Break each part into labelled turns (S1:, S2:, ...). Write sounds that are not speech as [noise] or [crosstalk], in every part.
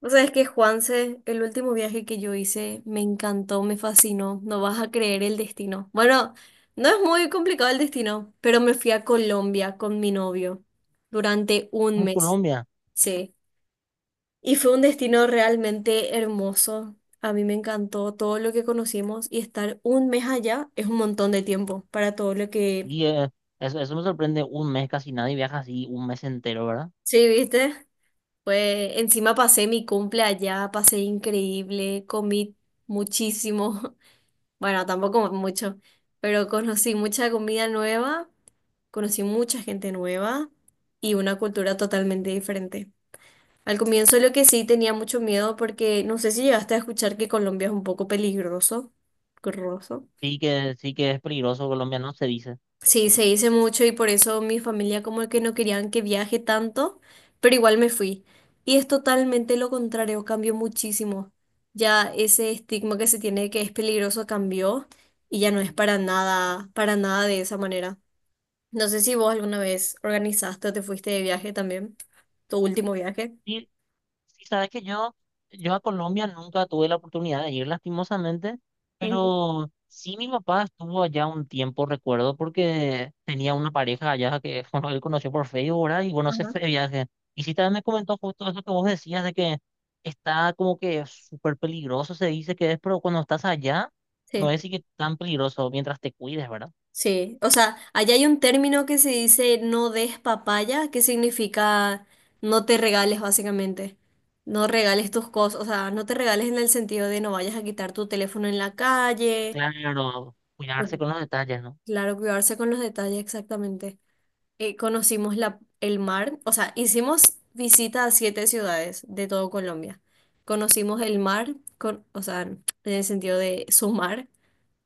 S1: O sea, es que Juanse, el último viaje que yo hice, me encantó, me fascinó. No vas a creer el destino. Bueno, no es muy complicado el destino, pero me fui a Colombia con mi novio durante un
S2: Como
S1: mes,
S2: Colombia.
S1: sí. Y fue un destino realmente hermoso. A mí me encantó todo lo que conocimos y estar un mes allá es un montón de tiempo para todo lo que.
S2: Y eso me sorprende, un mes casi nadie viaja así, un mes entero, ¿verdad?
S1: Sí, ¿viste? Pues encima pasé mi cumple allá, pasé increíble, comí muchísimo. [laughs] Bueno, tampoco mucho, pero conocí mucha comida nueva, conocí mucha gente nueva y una cultura totalmente diferente. Al comienzo lo que sí tenía mucho miedo porque no sé si llegaste a escuchar que Colombia es un poco peligroso, peligroso.
S2: Sí que es peligroso Colombia, no se dice.
S1: Sí, se hice mucho y por eso mi familia como que no querían que viaje tanto, pero igual me fui. Y es totalmente lo contrario, cambió muchísimo. Ya ese estigma que se tiene que es peligroso cambió y ya no es para nada de esa manera. No sé si vos alguna vez organizaste o te fuiste de viaje también, tu último viaje.
S2: Sí, sí, sabes que yo a Colombia nunca tuve la oportunidad de ir lastimosamente,
S1: Ujú.
S2: pero sí mi papá estuvo allá un tiempo, recuerdo, porque tenía una pareja allá que [laughs] bueno, él conoció por Facebook, ¿verdad? Y bueno, se
S1: Ajá.
S2: fue de viaje. Y sí también me comentó justo eso que vos decías de que está como que súper peligroso, se dice que es, pero cuando estás allá no
S1: Sí.
S2: es así que tan peligroso mientras te cuides, ¿verdad?
S1: Sí, o sea, allá hay un término que se dice no des papaya, que significa no te regales básicamente. No regales tus cosas, o sea, no te regales en el sentido de no vayas a quitar tu teléfono en la calle.
S2: Claro, cuidarse
S1: Ujú.
S2: con los detalles, ¿no?
S1: Claro, cuidarse con los detalles exactamente. Conocimos el mar, o sea, hicimos visita a siete ciudades de todo Colombia. Conocimos el mar, o sea, en el sentido de su mar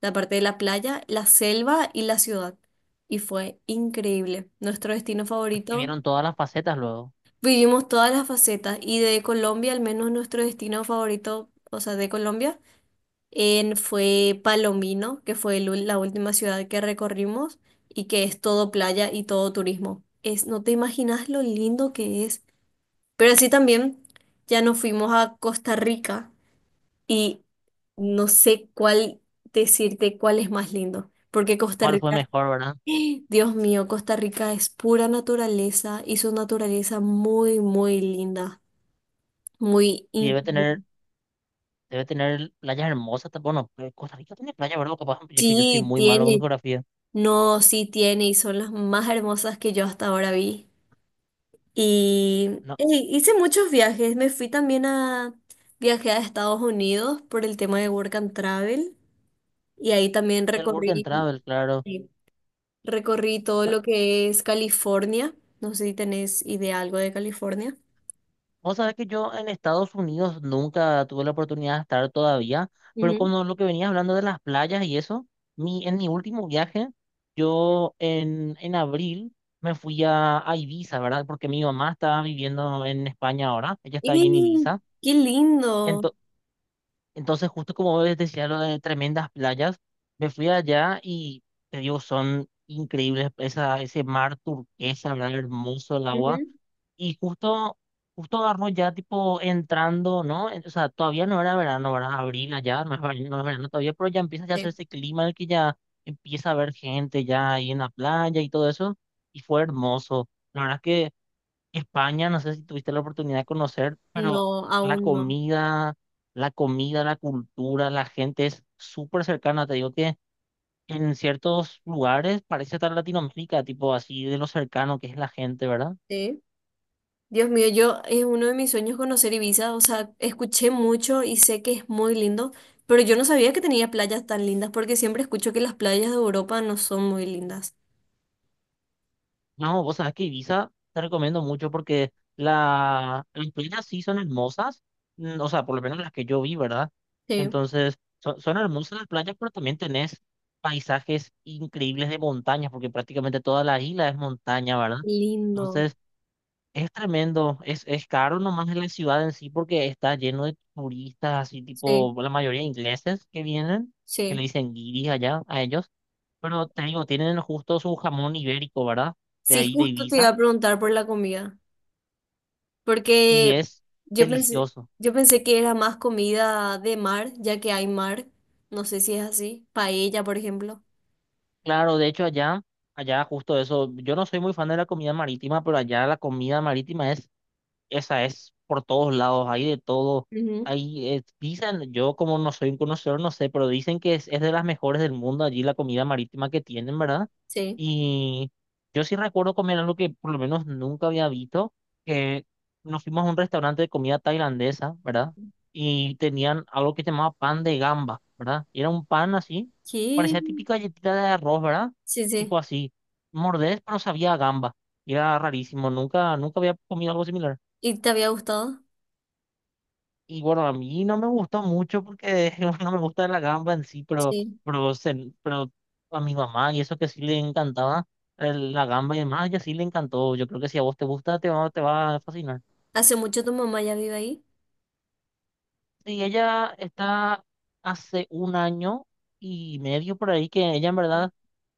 S1: la parte de la playa, la selva y la ciudad. Y fue increíble. Nuestro destino
S2: Porque
S1: favorito,
S2: vieron todas las facetas luego.
S1: vivimos todas las facetas y de Colombia, al menos nuestro destino favorito, o sea, de Colombia, fue Palomino, que fue la última ciudad que recorrimos y que es todo playa y todo turismo. Es, no te imaginas lo lindo que es. Pero así también ya nos fuimos a Costa Rica y no sé cuál decirte cuál es más lindo, porque Costa
S2: ¿Cuál fue
S1: Rica,
S2: mejor, verdad?
S1: Dios mío, Costa Rica es pura naturaleza y su naturaleza muy, muy linda, muy...
S2: Y
S1: in-
S2: debe tener Debe tener playas hermosas. Bueno, Costa Rica tiene playas, ¿verdad? Capaz, es que yo soy
S1: Sí,
S2: muy malo con
S1: tiene,
S2: geografía.
S1: no, sí tiene y son las más hermosas que yo hasta ahora vi. Y
S2: No,
S1: ey, hice muchos viajes, me fui también a. Viajé a Estados Unidos por el tema de Work and Travel y ahí también
S2: el Work and
S1: recorrí,
S2: Travel, claro.
S1: sí, recorrí todo
S2: Ta-
S1: lo que es California. No sé si tenés idea algo de California.
S2: Vos sabés que yo en Estados Unidos nunca tuve la oportunidad de estar todavía, pero como lo que venías hablando de las playas y eso, en mi último viaje, yo en abril me fui a Ibiza, ¿verdad? Porque mi mamá estaba viviendo en España ahora, ella
S1: ¡Y
S2: está ahí en Ibiza.
S1: qué lindo!
S2: Entonces, justo como vos decías lo de tremendas playas, me fui allá y te digo, son increíbles ese mar turquesa, ¿verdad? Hermoso el agua.
S1: Ujú.
S2: Y justo agarró ya tipo entrando, ¿no? O sea, todavía no era verano, ¿verdad? Abril allá, no es verano, no es verano todavía, pero ya empieza ya a hacer
S1: Sí.
S2: ese clima en el que ya empieza a haber gente ya ahí en la playa y todo eso. Y fue hermoso. La verdad que España, no sé si tuviste la oportunidad de conocer, pero
S1: No,
S2: la
S1: aún no.
S2: comida, la comida, la cultura, la gente es súper cercana. Te digo que en ciertos lugares parece estar Latinoamérica, tipo así de lo cercano que es la gente, ¿verdad?
S1: Sí. Dios mío, yo es uno de mis sueños conocer Ibiza, o sea, escuché mucho y sé que es muy lindo, pero yo no sabía que tenía playas tan lindas porque siempre escucho que las playas de Europa no son muy lindas.
S2: No, vos sabés que Ibiza te recomiendo mucho porque la, las playas sí son hermosas, o sea, por lo menos las que yo vi, ¿verdad?
S1: Sí.
S2: Entonces, son hermosas las playas, pero también tenés paisajes increíbles de montañas, porque prácticamente toda la isla es montaña, ¿verdad?
S1: Lindo,
S2: Entonces, es tremendo, es caro nomás en la ciudad en sí porque está lleno de turistas, así
S1: sí,
S2: tipo la mayoría ingleses que vienen, que le
S1: sí.
S2: dicen guiris allá a ellos, pero te digo, tienen justo su jamón ibérico, ¿verdad? De
S1: Sí,
S2: ahí de
S1: justo te iba
S2: Ibiza
S1: a preguntar por la comida,
S2: y
S1: porque
S2: es
S1: yo pensé,
S2: delicioso.
S1: yo pensé que era más comida de mar, ya que hay mar, no sé si es así, paella, por ejemplo.
S2: Claro, de hecho allá justo eso, yo no soy muy fan de la comida marítima, pero allá la comida marítima es por todos lados, hay de todo.
S1: Ujú.
S2: Hay, dicen, yo como no soy un conocedor, no sé, pero dicen que es de las mejores del mundo allí la comida marítima que tienen, ¿verdad?
S1: Sí.
S2: Y yo sí recuerdo comer algo que por lo menos nunca había visto, que nos fuimos a un restaurante de comida tailandesa, ¿verdad? Y tenían algo que se llamaba pan de gamba, ¿verdad? Y era un pan así,
S1: ¿Qué?
S2: parecía típica galletita de arroz, ¿verdad?
S1: Sí, sí.
S2: Tipo así, mordés, pero sabía a gamba. Y era rarísimo, nunca, nunca había comido algo similar.
S1: ¿Y te había gustado?
S2: Y bueno, a mí no me gustó mucho porque [laughs] no me gusta la gamba en sí, pero,
S1: Sí.
S2: pero, se- pero a mi mamá y eso que sí le encantaba la gamba y demás, ella sí le encantó. Yo creo que si a vos te gusta, te va a fascinar.
S1: ¿Hace mucho tu mamá ya vive ahí?
S2: Sí, ella está hace un año y medio por ahí que ella en verdad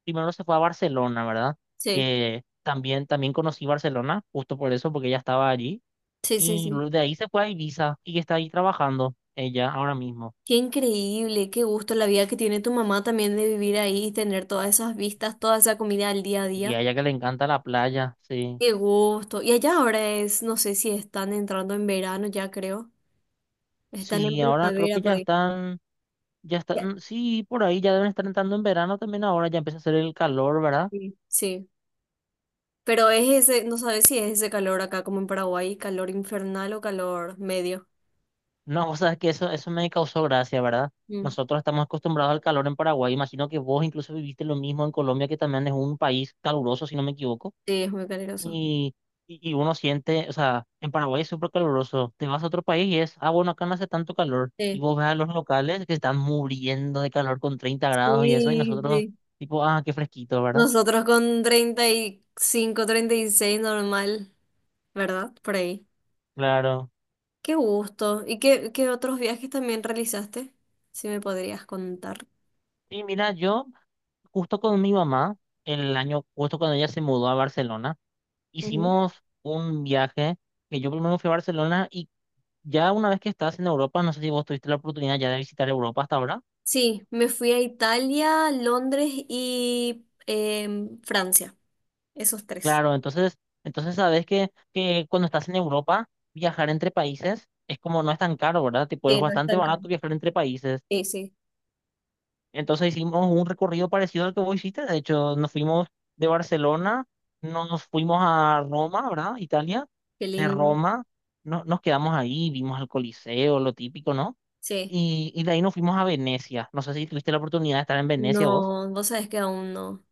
S2: primero se fue a Barcelona, ¿verdad?
S1: Sí.
S2: Que también, también conocí Barcelona, justo por eso, porque ella estaba allí.
S1: Sí, sí,
S2: Y
S1: sí.
S2: luego de ahí se fue a Ibiza y está ahí trabajando ella ahora mismo.
S1: Qué increíble, qué gusto la vida que tiene tu mamá también de vivir ahí y tener todas esas vistas, toda esa comida al día a
S2: Y
S1: día.
S2: a ella que le encanta la playa, sí.
S1: Qué gusto. Y allá ahora es, no sé si están entrando en verano ya creo. Están en
S2: Sí, ahora creo
S1: primavera
S2: que ya
S1: por ahí.
S2: están, ya
S1: Ya,
S2: están, sí, por ahí ya deben estar entrando en verano también ahora, ya empieza a hacer el calor, ¿verdad?
S1: sí. Sí. Pero es ese, no sabes si es ese calor acá como en Paraguay, calor infernal o calor medio.
S2: No, [laughs] o sea, es que eso me causó gracia, ¿verdad?
S1: Mm.
S2: Nosotros estamos acostumbrados al calor en Paraguay, imagino que vos incluso viviste lo mismo en Colombia, que también es un país caluroso, si no me equivoco.
S1: Sí, es muy caluroso.
S2: y, y uno siente, o sea, en Paraguay es súper caluroso, te vas a otro país y es, ah, bueno, acá no hace tanto calor, y
S1: Sí.
S2: vos ves a los locales que están muriendo de calor con 30 grados y eso, y
S1: Sí,
S2: nosotros,
S1: sí.
S2: tipo, ah, qué fresquito, ¿verdad?
S1: Nosotros con 30 35 36 normal, ¿verdad? Por ahí.
S2: Claro.
S1: Qué gusto. ¿Y qué, otros viajes también realizaste? Si me podrías contar.
S2: Y mira, yo, justo con mi mamá, el año, justo cuando ella se mudó a Barcelona,
S1: Ujú.
S2: hicimos un viaje, que yo primero fui a Barcelona, y ya una vez que estás en Europa, no sé si vos tuviste la oportunidad ya de visitar Europa hasta ahora.
S1: Sí, me fui a Italia, Londres y Francia. Esos tres.
S2: Claro, entonces sabes que cuando estás en Europa, viajar entre países es como no es tan caro, ¿verdad? Tipo, es
S1: Sí, no es
S2: bastante
S1: tan caro.
S2: barato viajar entre países.
S1: Sí, sí.
S2: Entonces hicimos un recorrido parecido al que vos hiciste. De hecho, nos fuimos de Barcelona, nos fuimos a Roma, ¿verdad? Italia.
S1: Qué
S2: De
S1: lindo.
S2: Roma no, nos quedamos ahí, vimos el Coliseo, lo típico, ¿no?
S1: Sí.
S2: Y de ahí nos fuimos a Venecia. No sé si tuviste la oportunidad de estar en Venecia vos.
S1: No, vos sabés que aún no.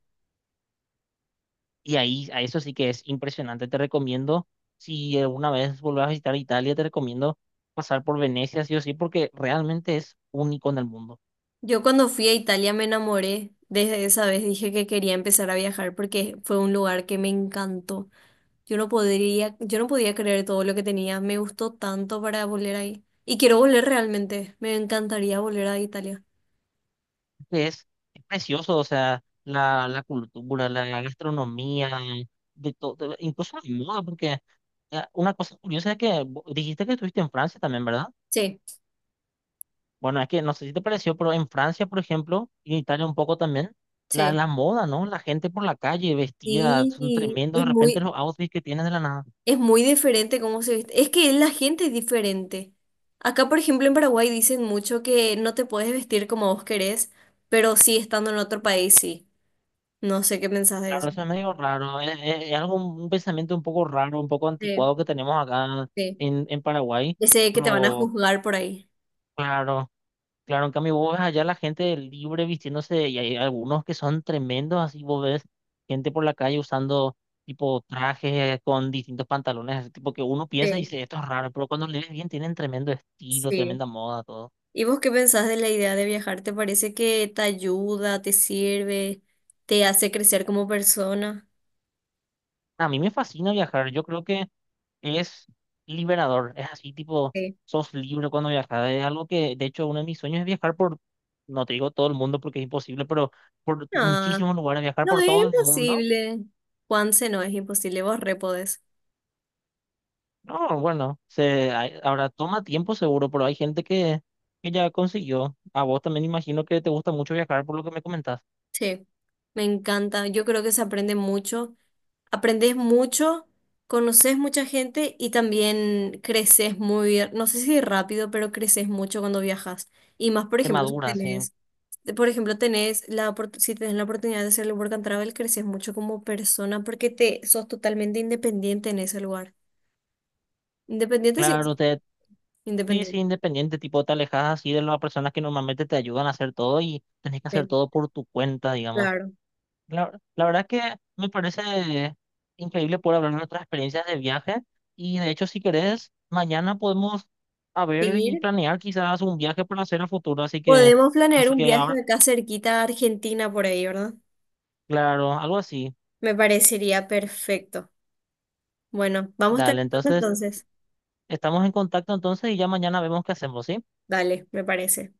S2: Y ahí, a eso sí que es impresionante. Te recomiendo, si alguna vez vuelves a visitar Italia, te recomiendo pasar por Venecia, sí o sí, porque realmente es único en el mundo.
S1: Yo cuando fui a Italia me enamoré. Desde esa vez dije que quería empezar a viajar porque fue un lugar que me encantó. Yo no podía creer todo lo que tenía. Me gustó tanto para volver ahí. Y quiero volver realmente. Me encantaría volver a Italia.
S2: Es, es precioso, o sea, la cultura, la gastronomía, de todo, incluso la moda, porque una cosa curiosa es que dijiste que estuviste en Francia también, ¿verdad?
S1: Sí,
S2: Bueno, es que no sé si te pareció, pero en Francia, por ejemplo, y en Italia un poco también, la,
S1: sí.
S2: la moda, ¿no? La gente por la calle vestida, son
S1: Sí,
S2: tremendos de
S1: es
S2: repente
S1: muy,
S2: los outfits que tienen de la nada.
S1: es muy diferente cómo se viste. Es que la gente es diferente. Acá, por ejemplo, en Paraguay dicen mucho que no te puedes vestir como vos querés, pero sí estando en otro país, sí. No sé qué pensás de
S2: Claro,
S1: eso.
S2: eso es medio raro, es algo, un pensamiento un poco raro, un poco
S1: Sí,
S2: anticuado que tenemos acá
S1: sí.
S2: en Paraguay,
S1: Ese que te van a
S2: pero
S1: juzgar por ahí.
S2: claro, claro, en cambio vos ves allá la gente libre vistiéndose y hay algunos que son tremendos, así vos ves gente por la calle usando tipo trajes con distintos pantalones, así, tipo que uno piensa y
S1: Sí,
S2: dice, esto es raro, pero cuando lees bien tienen tremendo estilo,
S1: sí.
S2: tremenda moda, todo.
S1: ¿Y vos qué pensás de la idea de viajar? ¿Te parece que te ayuda, te sirve, te hace crecer como persona?
S2: A mí me fascina viajar, yo creo que es liberador, es así tipo,
S1: Sí.
S2: sos libre cuando viajas, es algo que de hecho uno de mis sueños es viajar por, no te digo todo el mundo porque es imposible, pero por
S1: No,
S2: muchísimos lugares, viajar
S1: no
S2: por
S1: es
S2: todo el mundo,
S1: imposible. Juanse, no es imposible, vos re podés.
S2: no, bueno, se, hay- ahora toma tiempo seguro, pero hay gente que, ya consiguió, a vos también imagino que te gusta mucho viajar por lo que me comentás,
S1: Sí, me encanta. Yo creo que se aprende mucho. Aprendes mucho, conoces mucha gente y también creces muy, no sé si rápido, pero creces mucho cuando viajas. Y más, por
S2: te
S1: ejemplo, si
S2: maduras, sí,
S1: tenés de- por ejemplo, tenés si tenés la oportunidad de hacer el work and travel, creces mucho como persona porque te sos totalmente independiente en ese lugar. Independiente, sí,
S2: claro,
S1: sí,
S2: te... Sí, sí,
S1: independiente.
S2: independiente, tipo, te alejas así de las personas que normalmente te ayudan a hacer todo y tenés que hacer
S1: Sí,
S2: todo por tu cuenta, digamos.
S1: claro.
S2: La verdad que me parece increíble poder hablar de nuestras experiencias de viaje y de hecho si querés, mañana podemos a ver y
S1: Seguir.
S2: planear quizás un viaje para hacer a futuro, así que,
S1: Podemos planear
S2: así
S1: un
S2: que
S1: viaje
S2: ahora,
S1: de acá cerquita a Argentina por ahí, ¿verdad?
S2: claro, algo así.
S1: Me parecería perfecto. Bueno, vamos
S2: Dale,
S1: terminando
S2: entonces
S1: entonces.
S2: estamos en contacto entonces y ya mañana vemos qué hacemos, ¿sí?
S1: Dale, me parece.